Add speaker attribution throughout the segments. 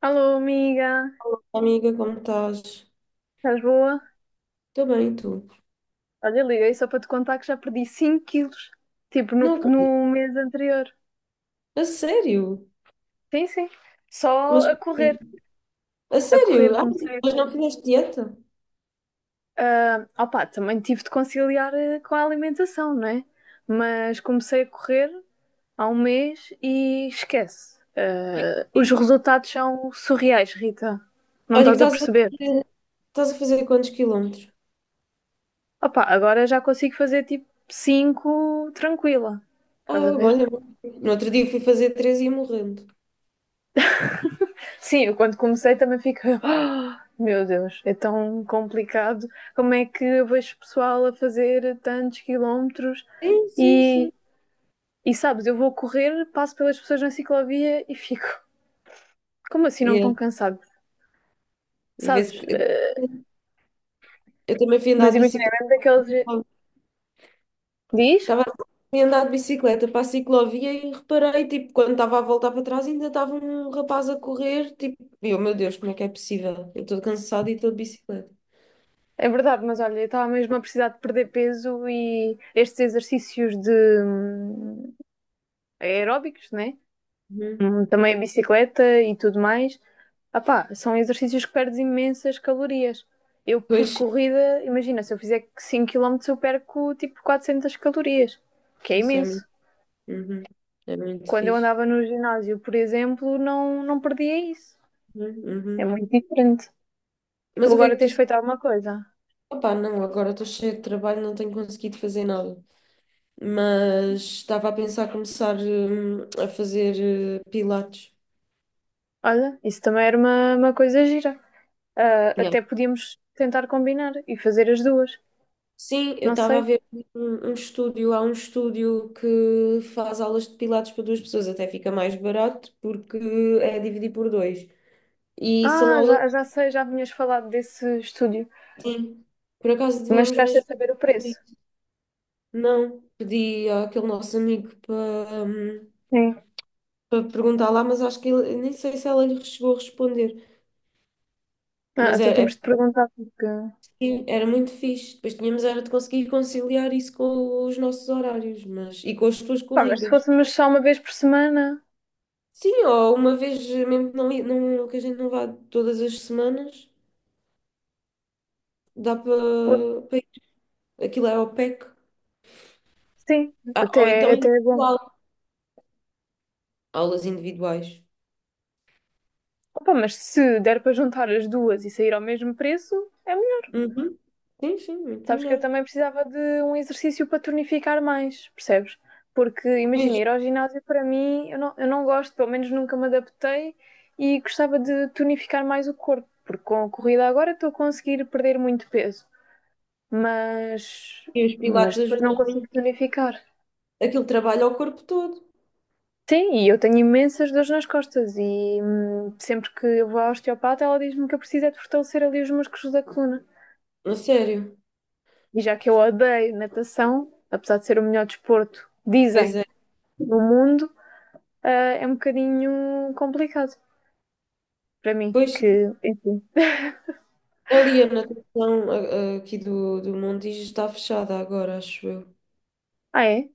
Speaker 1: Alô, amiga,
Speaker 2: Olá, Amiga, como estás?
Speaker 1: estás boa?
Speaker 2: Estou bem, tu?
Speaker 1: Olha, liguei só para te contar que já perdi 5 quilos, tipo no,
Speaker 2: Não acredito.
Speaker 1: no mês anterior.
Speaker 2: A sério?
Speaker 1: Sim, sim, só
Speaker 2: Mas
Speaker 1: a
Speaker 2: porquê?
Speaker 1: correr.
Speaker 2: A
Speaker 1: A correr
Speaker 2: sério? Ah,
Speaker 1: comecei.
Speaker 2: mas não fizeste dieta?
Speaker 1: Ah, opá, também tive de conciliar com a alimentação, não é? Mas comecei a correr há um mês e esquece. Ah, os
Speaker 2: Sim.
Speaker 1: resultados são surreais, Rita. Não
Speaker 2: Olha, que
Speaker 1: estás a perceber?
Speaker 2: estás a fazer quantos quilómetros?
Speaker 1: Opá, agora já consigo fazer tipo 5 tranquila. Estás a
Speaker 2: Ah,
Speaker 1: ver?
Speaker 2: olha, no outro dia fui fazer três e ia morrendo.
Speaker 1: Sim, eu quando comecei também fico. Meu Deus, é tão complicado. Como é que eu vejo pessoal a fazer tantos quilómetros
Speaker 2: Sim, sim, sim.
Speaker 1: e, e sabes, eu vou correr, passo pelas pessoas na ciclovia e fico. Como assim não
Speaker 2: É.
Speaker 1: tão cansado?
Speaker 2: E vê-se
Speaker 1: Sabes?
Speaker 2: que
Speaker 1: Eh,
Speaker 2: eu também fui andar
Speaker 1: mas
Speaker 2: de
Speaker 1: imagina, é
Speaker 2: bicicleta.
Speaker 1: mesmo daqueles. Diz?
Speaker 2: Estava a andar de bicicleta para a ciclovia e reparei, tipo, quando estava a voltar para trás, ainda estava um rapaz a correr, tipo, e eu, meu Deus, como é que é possível? Eu estou cansada e estou de bicicleta.
Speaker 1: É verdade, mas olha, eu estava mesmo a precisar de perder peso e estes exercícios de hum, aeróbicos, né?
Speaker 2: Uhum.
Speaker 1: Também a bicicleta e tudo mais. Ah pá, são exercícios que perdes imensas calorias. Eu, por
Speaker 2: Pois,
Speaker 1: corrida, imagina, se eu fizer 5 quilómetros, eu perco tipo 400 calorias, que é
Speaker 2: isso é muito,
Speaker 1: imenso.
Speaker 2: uhum. É muito
Speaker 1: Quando eu
Speaker 2: fixe.
Speaker 1: andava no ginásio, por exemplo, não perdia isso.
Speaker 2: Uhum.
Speaker 1: É
Speaker 2: Uhum.
Speaker 1: muito diferente. Tu
Speaker 2: Mas o que é
Speaker 1: agora
Speaker 2: que tu...
Speaker 1: tens feito alguma coisa.
Speaker 2: Opá, não, agora estou cheia de trabalho, não tenho conseguido fazer nada. Mas estava a pensar começar, a fazer, pilates.
Speaker 1: Olha, isso também era uma coisa gira. Ah, até podíamos tentar combinar e fazer as duas.
Speaker 2: Sim, eu
Speaker 1: Não
Speaker 2: estava a
Speaker 1: sei.
Speaker 2: ver um estúdio, há um estúdio que faz aulas de pilates para duas pessoas, até fica mais barato porque é dividir por dois. E são
Speaker 1: Ah,
Speaker 2: aulas,
Speaker 1: já sei, já vinhas falado desse estúdio.
Speaker 2: sim. Por acaso
Speaker 1: Mas
Speaker 2: devíamos
Speaker 1: chegaste
Speaker 2: mesmo
Speaker 1: a saber o preço.
Speaker 2: pedir. Não, pedi àquele nosso amigo para,
Speaker 1: Sim.
Speaker 2: para perguntar lá, mas acho que ele, nem sei se ela lhe chegou a responder.
Speaker 1: Ah,
Speaker 2: Mas
Speaker 1: então
Speaker 2: é,
Speaker 1: temos de perguntar porque.
Speaker 2: Era muito fixe. Depois tínhamos era de conseguir conciliar isso com os nossos horários, mas e com as tuas
Speaker 1: Pá, mas se
Speaker 2: corridas.
Speaker 1: fôssemos só uma vez por semana,
Speaker 2: Sim, ou uma vez, mesmo não, que a gente não vá todas as semanas, dá para.
Speaker 1: pô,
Speaker 2: Aquilo é ao PEC.
Speaker 1: sim,
Speaker 2: Ah, ou
Speaker 1: até,
Speaker 2: então
Speaker 1: até é bom.
Speaker 2: individual. Aulas individuais.
Speaker 1: Opa, mas se der para juntar as duas e sair ao mesmo preço, é melhor.
Speaker 2: Uhum. Sim, sim, muito
Speaker 1: Sabes que eu
Speaker 2: melhor.
Speaker 1: também precisava de um exercício para tonificar mais, percebes? Porque imagina,
Speaker 2: Pois,
Speaker 1: ir ao ginásio para mim, eu não gosto, pelo menos nunca me adaptei e gostava de tonificar mais o corpo, porque com a corrida agora estou a conseguir perder muito peso, mas,
Speaker 2: e os
Speaker 1: mas
Speaker 2: pilates
Speaker 1: depois não
Speaker 2: ajudam
Speaker 1: consigo
Speaker 2: muito.
Speaker 1: tonificar.
Speaker 2: Aquilo trabalha o corpo todo.
Speaker 1: Sim, e eu tenho imensas dores nas costas e sempre que eu vou ao osteopata ela diz-me que eu preciso é de fortalecer ali os músculos da coluna.
Speaker 2: A sério.
Speaker 1: E já que eu odeio natação, apesar de ser o melhor desporto,
Speaker 2: Pois
Speaker 1: dizem,
Speaker 2: é.
Speaker 1: no mundo, ah, é um bocadinho complicado para mim,
Speaker 2: Pois,
Speaker 1: que, enfim.
Speaker 2: ali a natação aqui do Montijo está fechada agora, acho eu.
Speaker 1: Ah, é?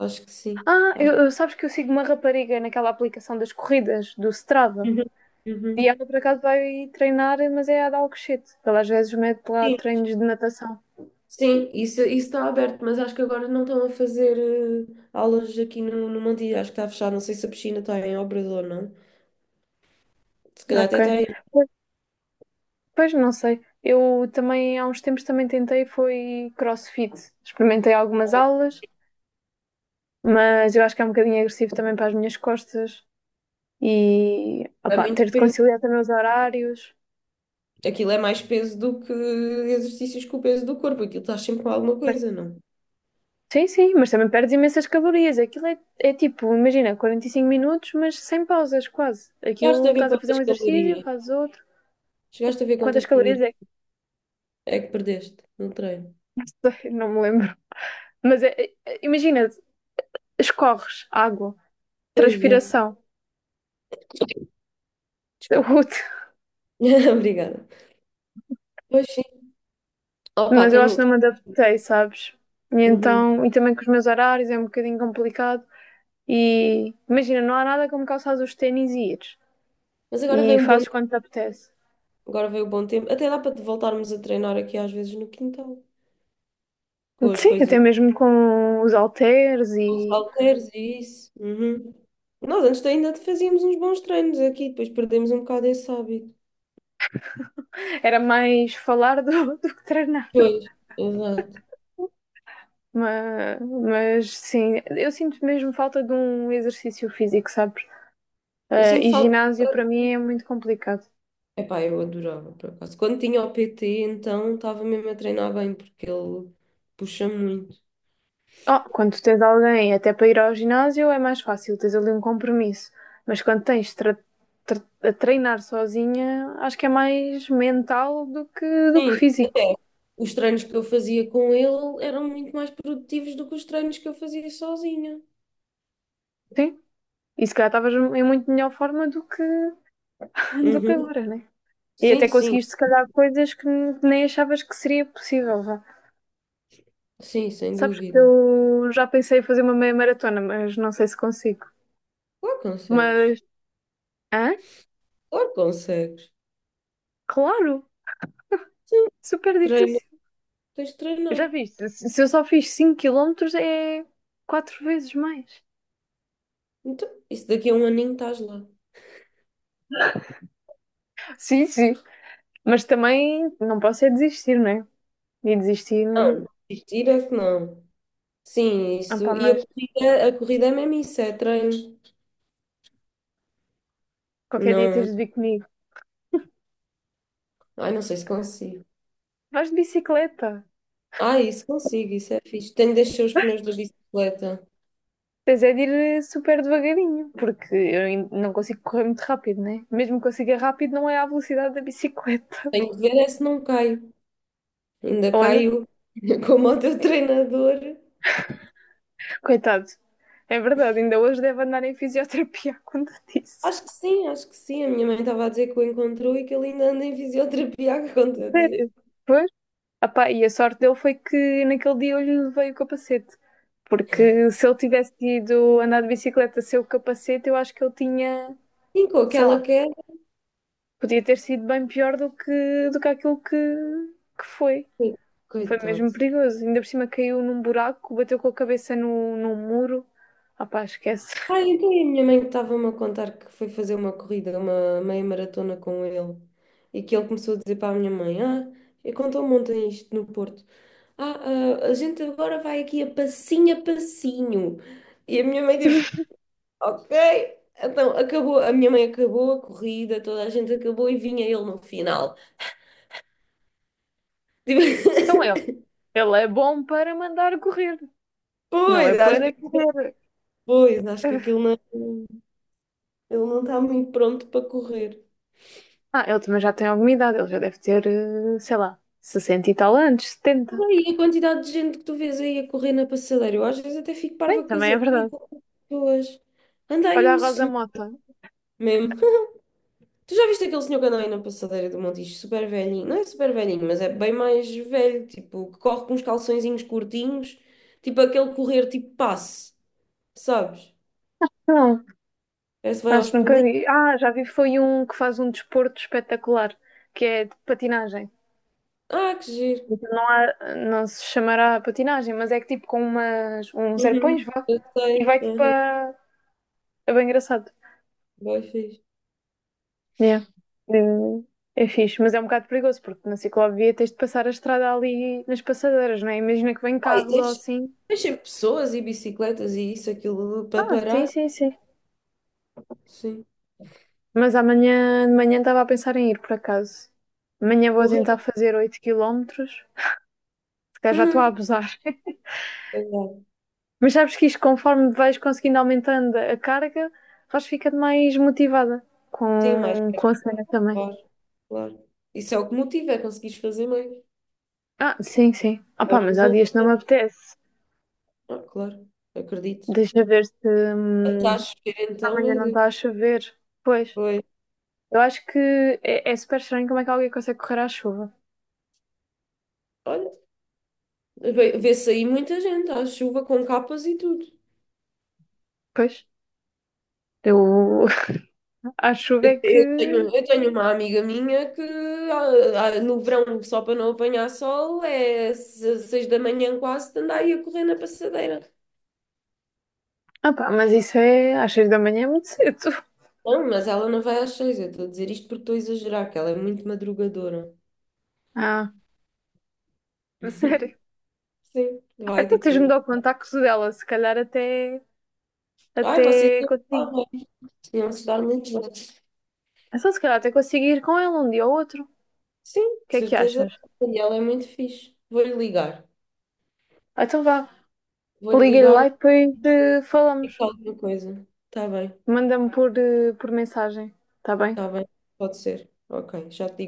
Speaker 2: Acho que sim.
Speaker 1: Ah,
Speaker 2: Acho.
Speaker 1: sabes que eu sigo uma rapariga naquela aplicação das corridas, do Strava,
Speaker 2: Uhum.
Speaker 1: e
Speaker 2: Uhum.
Speaker 1: ela por acaso vai treinar, mas é a dar o cochete. Ela às vezes mete lá
Speaker 2: Sim.
Speaker 1: treinos de natação.
Speaker 2: Sim, isso está aberto, mas acho que agora não estão a fazer aulas aqui no Mandiri, acho que está fechado, não sei se a piscina está em obras ou não. Se calhar
Speaker 1: Ok.
Speaker 2: até está em...
Speaker 1: Pois não sei. Eu também há uns tempos também tentei foi CrossFit. Experimentei algumas aulas, mas eu acho que é um bocadinho agressivo também para as minhas costas e
Speaker 2: É
Speaker 1: opá,
Speaker 2: muito
Speaker 1: ter de
Speaker 2: peso.
Speaker 1: conciliar também os horários.
Speaker 2: Aquilo é mais peso do que exercícios com o peso do corpo, aquilo estás sempre com alguma
Speaker 1: Mas
Speaker 2: coisa, não?
Speaker 1: sim, sim, mas também perdes imensas calorias. Aquilo é tipo, imagina, 45 minutos, mas sem pausas, quase.
Speaker 2: Chegaste
Speaker 1: Aquilo
Speaker 2: a ver
Speaker 1: estás a fazer um
Speaker 2: quantas
Speaker 1: exercício,
Speaker 2: calorias?
Speaker 1: fazes outro.
Speaker 2: Chegaste a ver
Speaker 1: Quantas
Speaker 2: quantas
Speaker 1: calorias
Speaker 2: calorias
Speaker 1: é
Speaker 2: é que perdeste no treino?
Speaker 1: que não me lembro. Mas imagina, escorres água,
Speaker 2: Pois é.
Speaker 1: transpiração.
Speaker 2: Desculpa. Obrigada. Pois sim. Opa,
Speaker 1: Mas eu acho
Speaker 2: tenho.
Speaker 1: que não me adaptei, sabes? E
Speaker 2: Uhum.
Speaker 1: então, e também com os meus horários é um bocadinho complicado. E imagina, não há nada como calçar os ténis e ires.
Speaker 2: Mas agora
Speaker 1: E
Speaker 2: vem um bom,
Speaker 1: fazes quando te apetece.
Speaker 2: Agora vem o bom tempo. Até dá para voltarmos a treinar aqui às vezes no quintal. Com as
Speaker 1: Sim, até
Speaker 2: coisas,
Speaker 1: mesmo com os halteres
Speaker 2: com os
Speaker 1: e
Speaker 2: halteres e isso. Uhum. Nós antes ainda fazíamos uns bons treinos aqui, depois perdemos um bocado esse hábito.
Speaker 1: era mais falar do, do que treinar.
Speaker 2: Pois, exato.
Speaker 1: Mas sim, eu sinto mesmo falta de um exercício físico, sabes?
Speaker 2: Eu
Speaker 1: Eh,
Speaker 2: sinto
Speaker 1: e
Speaker 2: falta.
Speaker 1: ginásio para mim é muito complicado.
Speaker 2: Epá, eu adorava, por acaso. Quando tinha o PT, então estava mesmo a treinar bem, porque ele puxa muito.
Speaker 1: Oh, quando tens alguém até para ir ao ginásio é mais fácil, tens ali um compromisso. Mas quando tens de a treinar sozinha, acho que é mais mental do que
Speaker 2: Sim,
Speaker 1: físico.
Speaker 2: até os treinos que eu fazia com ele eram muito mais produtivos do que os treinos que eu fazia sozinha.
Speaker 1: Sim? E se calhar estavas em muito melhor forma do que, do que
Speaker 2: Uhum.
Speaker 1: agora, né? E
Speaker 2: Sim,
Speaker 1: até
Speaker 2: sim,
Speaker 1: conseguiste, se calhar, coisas que nem achavas que seria possível. Vá.
Speaker 2: sim, sem
Speaker 1: Sabes que
Speaker 2: dúvida.
Speaker 1: eu já pensei em fazer uma meia maratona, mas não sei se consigo.
Speaker 2: Claro que consegues.
Speaker 1: Mas, hã?
Speaker 2: Claro que consegues.
Speaker 1: Claro,
Speaker 2: Sim,
Speaker 1: super
Speaker 2: treino.
Speaker 1: difícil.
Speaker 2: Tens de treinar.
Speaker 1: Já viste? Se eu só fiz 5 quilómetros é quatro vezes mais.
Speaker 2: Então, isso daqui a um aninho estás lá.
Speaker 1: Sim, sim. Mas também não posso é desistir, não é? E desistir.
Speaker 2: Não, desistir é que não. Sim,
Speaker 1: Ah, pá,
Speaker 2: isso. E
Speaker 1: mas
Speaker 2: a corrida é mesmo isso, é treino.
Speaker 1: qualquer dia tens
Speaker 2: Não.
Speaker 1: de vir comigo.
Speaker 2: Ai, não sei se consigo.
Speaker 1: Vais de bicicleta.
Speaker 2: Ah, isso consigo, isso é fixe. Tenho de deixar os pneus da bicicleta.
Speaker 1: Tens é de ir super devagarinho, porque eu não consigo correr muito rápido, né? Mesmo que consiga rápido, não é à velocidade da bicicleta.
Speaker 2: Tenho de ver é se não caio. Ainda
Speaker 1: Olha,
Speaker 2: caio como o teu treinador.
Speaker 1: coitado, é verdade, ainda hoje deve andar em fisioterapia quando disse.
Speaker 2: Acho que sim, acho que sim. A minha mãe estava a dizer que o encontrou e que ele ainda anda em fisioterapia, quando eu
Speaker 1: Sério?
Speaker 2: disse.
Speaker 1: Pois. Ah pá, e a sorte dele foi que naquele dia eu lhe levei o capacete. Porque se ele tivesse ido andar de bicicleta sem o capacete, eu acho que ele tinha,
Speaker 2: Sim, com
Speaker 1: sei
Speaker 2: aquela
Speaker 1: lá,
Speaker 2: queda.
Speaker 1: podia ter sido bem pior do que, aquilo que foi. Foi
Speaker 2: Coitado.
Speaker 1: mesmo perigoso. Ainda por cima caiu num buraco, bateu com a cabeça no, num muro. Ah pá, esquece.
Speaker 2: Ah, então e a minha mãe estava-me a contar que foi fazer uma corrida, uma meia maratona com ele, e que ele começou a dizer para a minha mãe: Ah, e contou-me ontem isto no Porto: Ah, ah, a gente agora vai aqui a passinho a passinho. E a minha mãe, tipo, ok. Então acabou, a minha mãe acabou a corrida, toda a gente acabou e vinha ele no final. Tipo,
Speaker 1: Então eu, ele é bom para mandar correr, não é
Speaker 2: pois, acho
Speaker 1: para
Speaker 2: que,
Speaker 1: correr.
Speaker 2: pois, acho que aquilo não, ele não está muito pronto para correr.
Speaker 1: Ah, ele também já tem alguma idade, ele já deve ter, sei lá, 60 e tal anos, 70.
Speaker 2: E a quantidade de gente que tu vês aí a correr na passadeira, eu às vezes até fico
Speaker 1: Bem,
Speaker 2: parva
Speaker 1: também
Speaker 2: com
Speaker 1: é
Speaker 2: a idade
Speaker 1: verdade.
Speaker 2: das pessoas. Anda aí
Speaker 1: Olha a
Speaker 2: um
Speaker 1: Rosa
Speaker 2: senhor
Speaker 1: Mota.
Speaker 2: mesmo. Tu já viste aquele senhor que anda aí na passadeira do Montijo, super velhinho? Não é super velhinho, mas é bem mais velho, tipo, que corre com uns calçõezinhos curtinhos, tipo aquele correr tipo passe, sabes?
Speaker 1: Não,
Speaker 2: Parece que vai
Speaker 1: acho
Speaker 2: aos
Speaker 1: que nunca
Speaker 2: pulinhos.
Speaker 1: vi. Ah, já vi, foi um que faz um desporto espetacular, que é de patinagem.
Speaker 2: Ah, que giro.
Speaker 1: Então não há, não se chamará patinagem, mas é que tipo com umas, uns
Speaker 2: Uhum.
Speaker 1: arpões, vá,
Speaker 2: Eu
Speaker 1: e
Speaker 2: sei.
Speaker 1: vai tipo
Speaker 2: Uhum.
Speaker 1: a... É bem engraçado.
Speaker 2: Bem fixe.
Speaker 1: Yeah. É fixe, mas é um bocado perigoso, porque na ciclovia tens de passar a estrada ali nas passadeiras, não é? Imagina que vem
Speaker 2: Ah,
Speaker 1: carros ou assim.
Speaker 2: tens sempre pessoas e bicicletas e isso, aquilo para
Speaker 1: Ah, sim,
Speaker 2: parar.
Speaker 1: sim, sim.
Speaker 2: Sim.
Speaker 1: Mas amanhã de manhã estava a pensar em ir, por acaso. Amanhã vou
Speaker 2: Correr.
Speaker 1: tentar fazer 8 quilómetros, porque já estou a
Speaker 2: Uhum.
Speaker 1: abusar. Mas sabes que isto, conforme vais conseguindo aumentando a carga, vais ficando mais motivada
Speaker 2: Sim, mais
Speaker 1: com a cena também.
Speaker 2: claro, claro. Isso é o que motiva, é conseguires fazer mais.
Speaker 1: Ah, sim, sim. Ah
Speaker 2: É
Speaker 1: pá,
Speaker 2: os
Speaker 1: mas há dias que
Speaker 2: resultados.
Speaker 1: não me apetece.
Speaker 2: Ah, claro, acredito.
Speaker 1: Deixa ver se
Speaker 2: Está a
Speaker 1: hum,
Speaker 2: chover então, meu
Speaker 1: amanhã não está a
Speaker 2: Deus.
Speaker 1: chover. Pois,
Speaker 2: Pois,
Speaker 1: eu acho que é super estranho como é que alguém consegue correr à chuva.
Speaker 2: olha, vê-se aí muita gente à chuva com capas e tudo.
Speaker 1: Pois, eu... à chuva é que...
Speaker 2: Eu tenho uma amiga minha que no verão, só para não apanhar sol, é seis da manhã quase, de andar aí a correr na passadeira.
Speaker 1: Ah pá, mas isso é às seis da manhã é muito cedo.
Speaker 2: Não, mas ela não vai às seis, eu estou a dizer isto porque estou a exagerar, que ela é muito madrugadora.
Speaker 1: Ah, a sério.
Speaker 2: Sim,
Speaker 1: Ah,
Speaker 2: vai
Speaker 1: então
Speaker 2: tipo,
Speaker 1: tens-me de dar o contacto dela, se calhar até
Speaker 2: ai, vocês
Speaker 1: Até
Speaker 2: iam lá,
Speaker 1: consigo.
Speaker 2: não se dá muito bem.
Speaker 1: Então, se calhar até consigo ir com ele um dia ou outro. O
Speaker 2: Sim, de
Speaker 1: que é que
Speaker 2: certeza.
Speaker 1: achas?
Speaker 2: E ela é muito fixe. Vou-lhe ligar.
Speaker 1: Ah, então vá.
Speaker 2: Vou-lhe
Speaker 1: Liga-lhe lá
Speaker 2: ligar
Speaker 1: e depois
Speaker 2: e
Speaker 1: falamos.
Speaker 2: digo alguma coisa. Está bem,
Speaker 1: Manda-me por mensagem. Está bem?
Speaker 2: está bem. Pode ser. Ok, já te digo.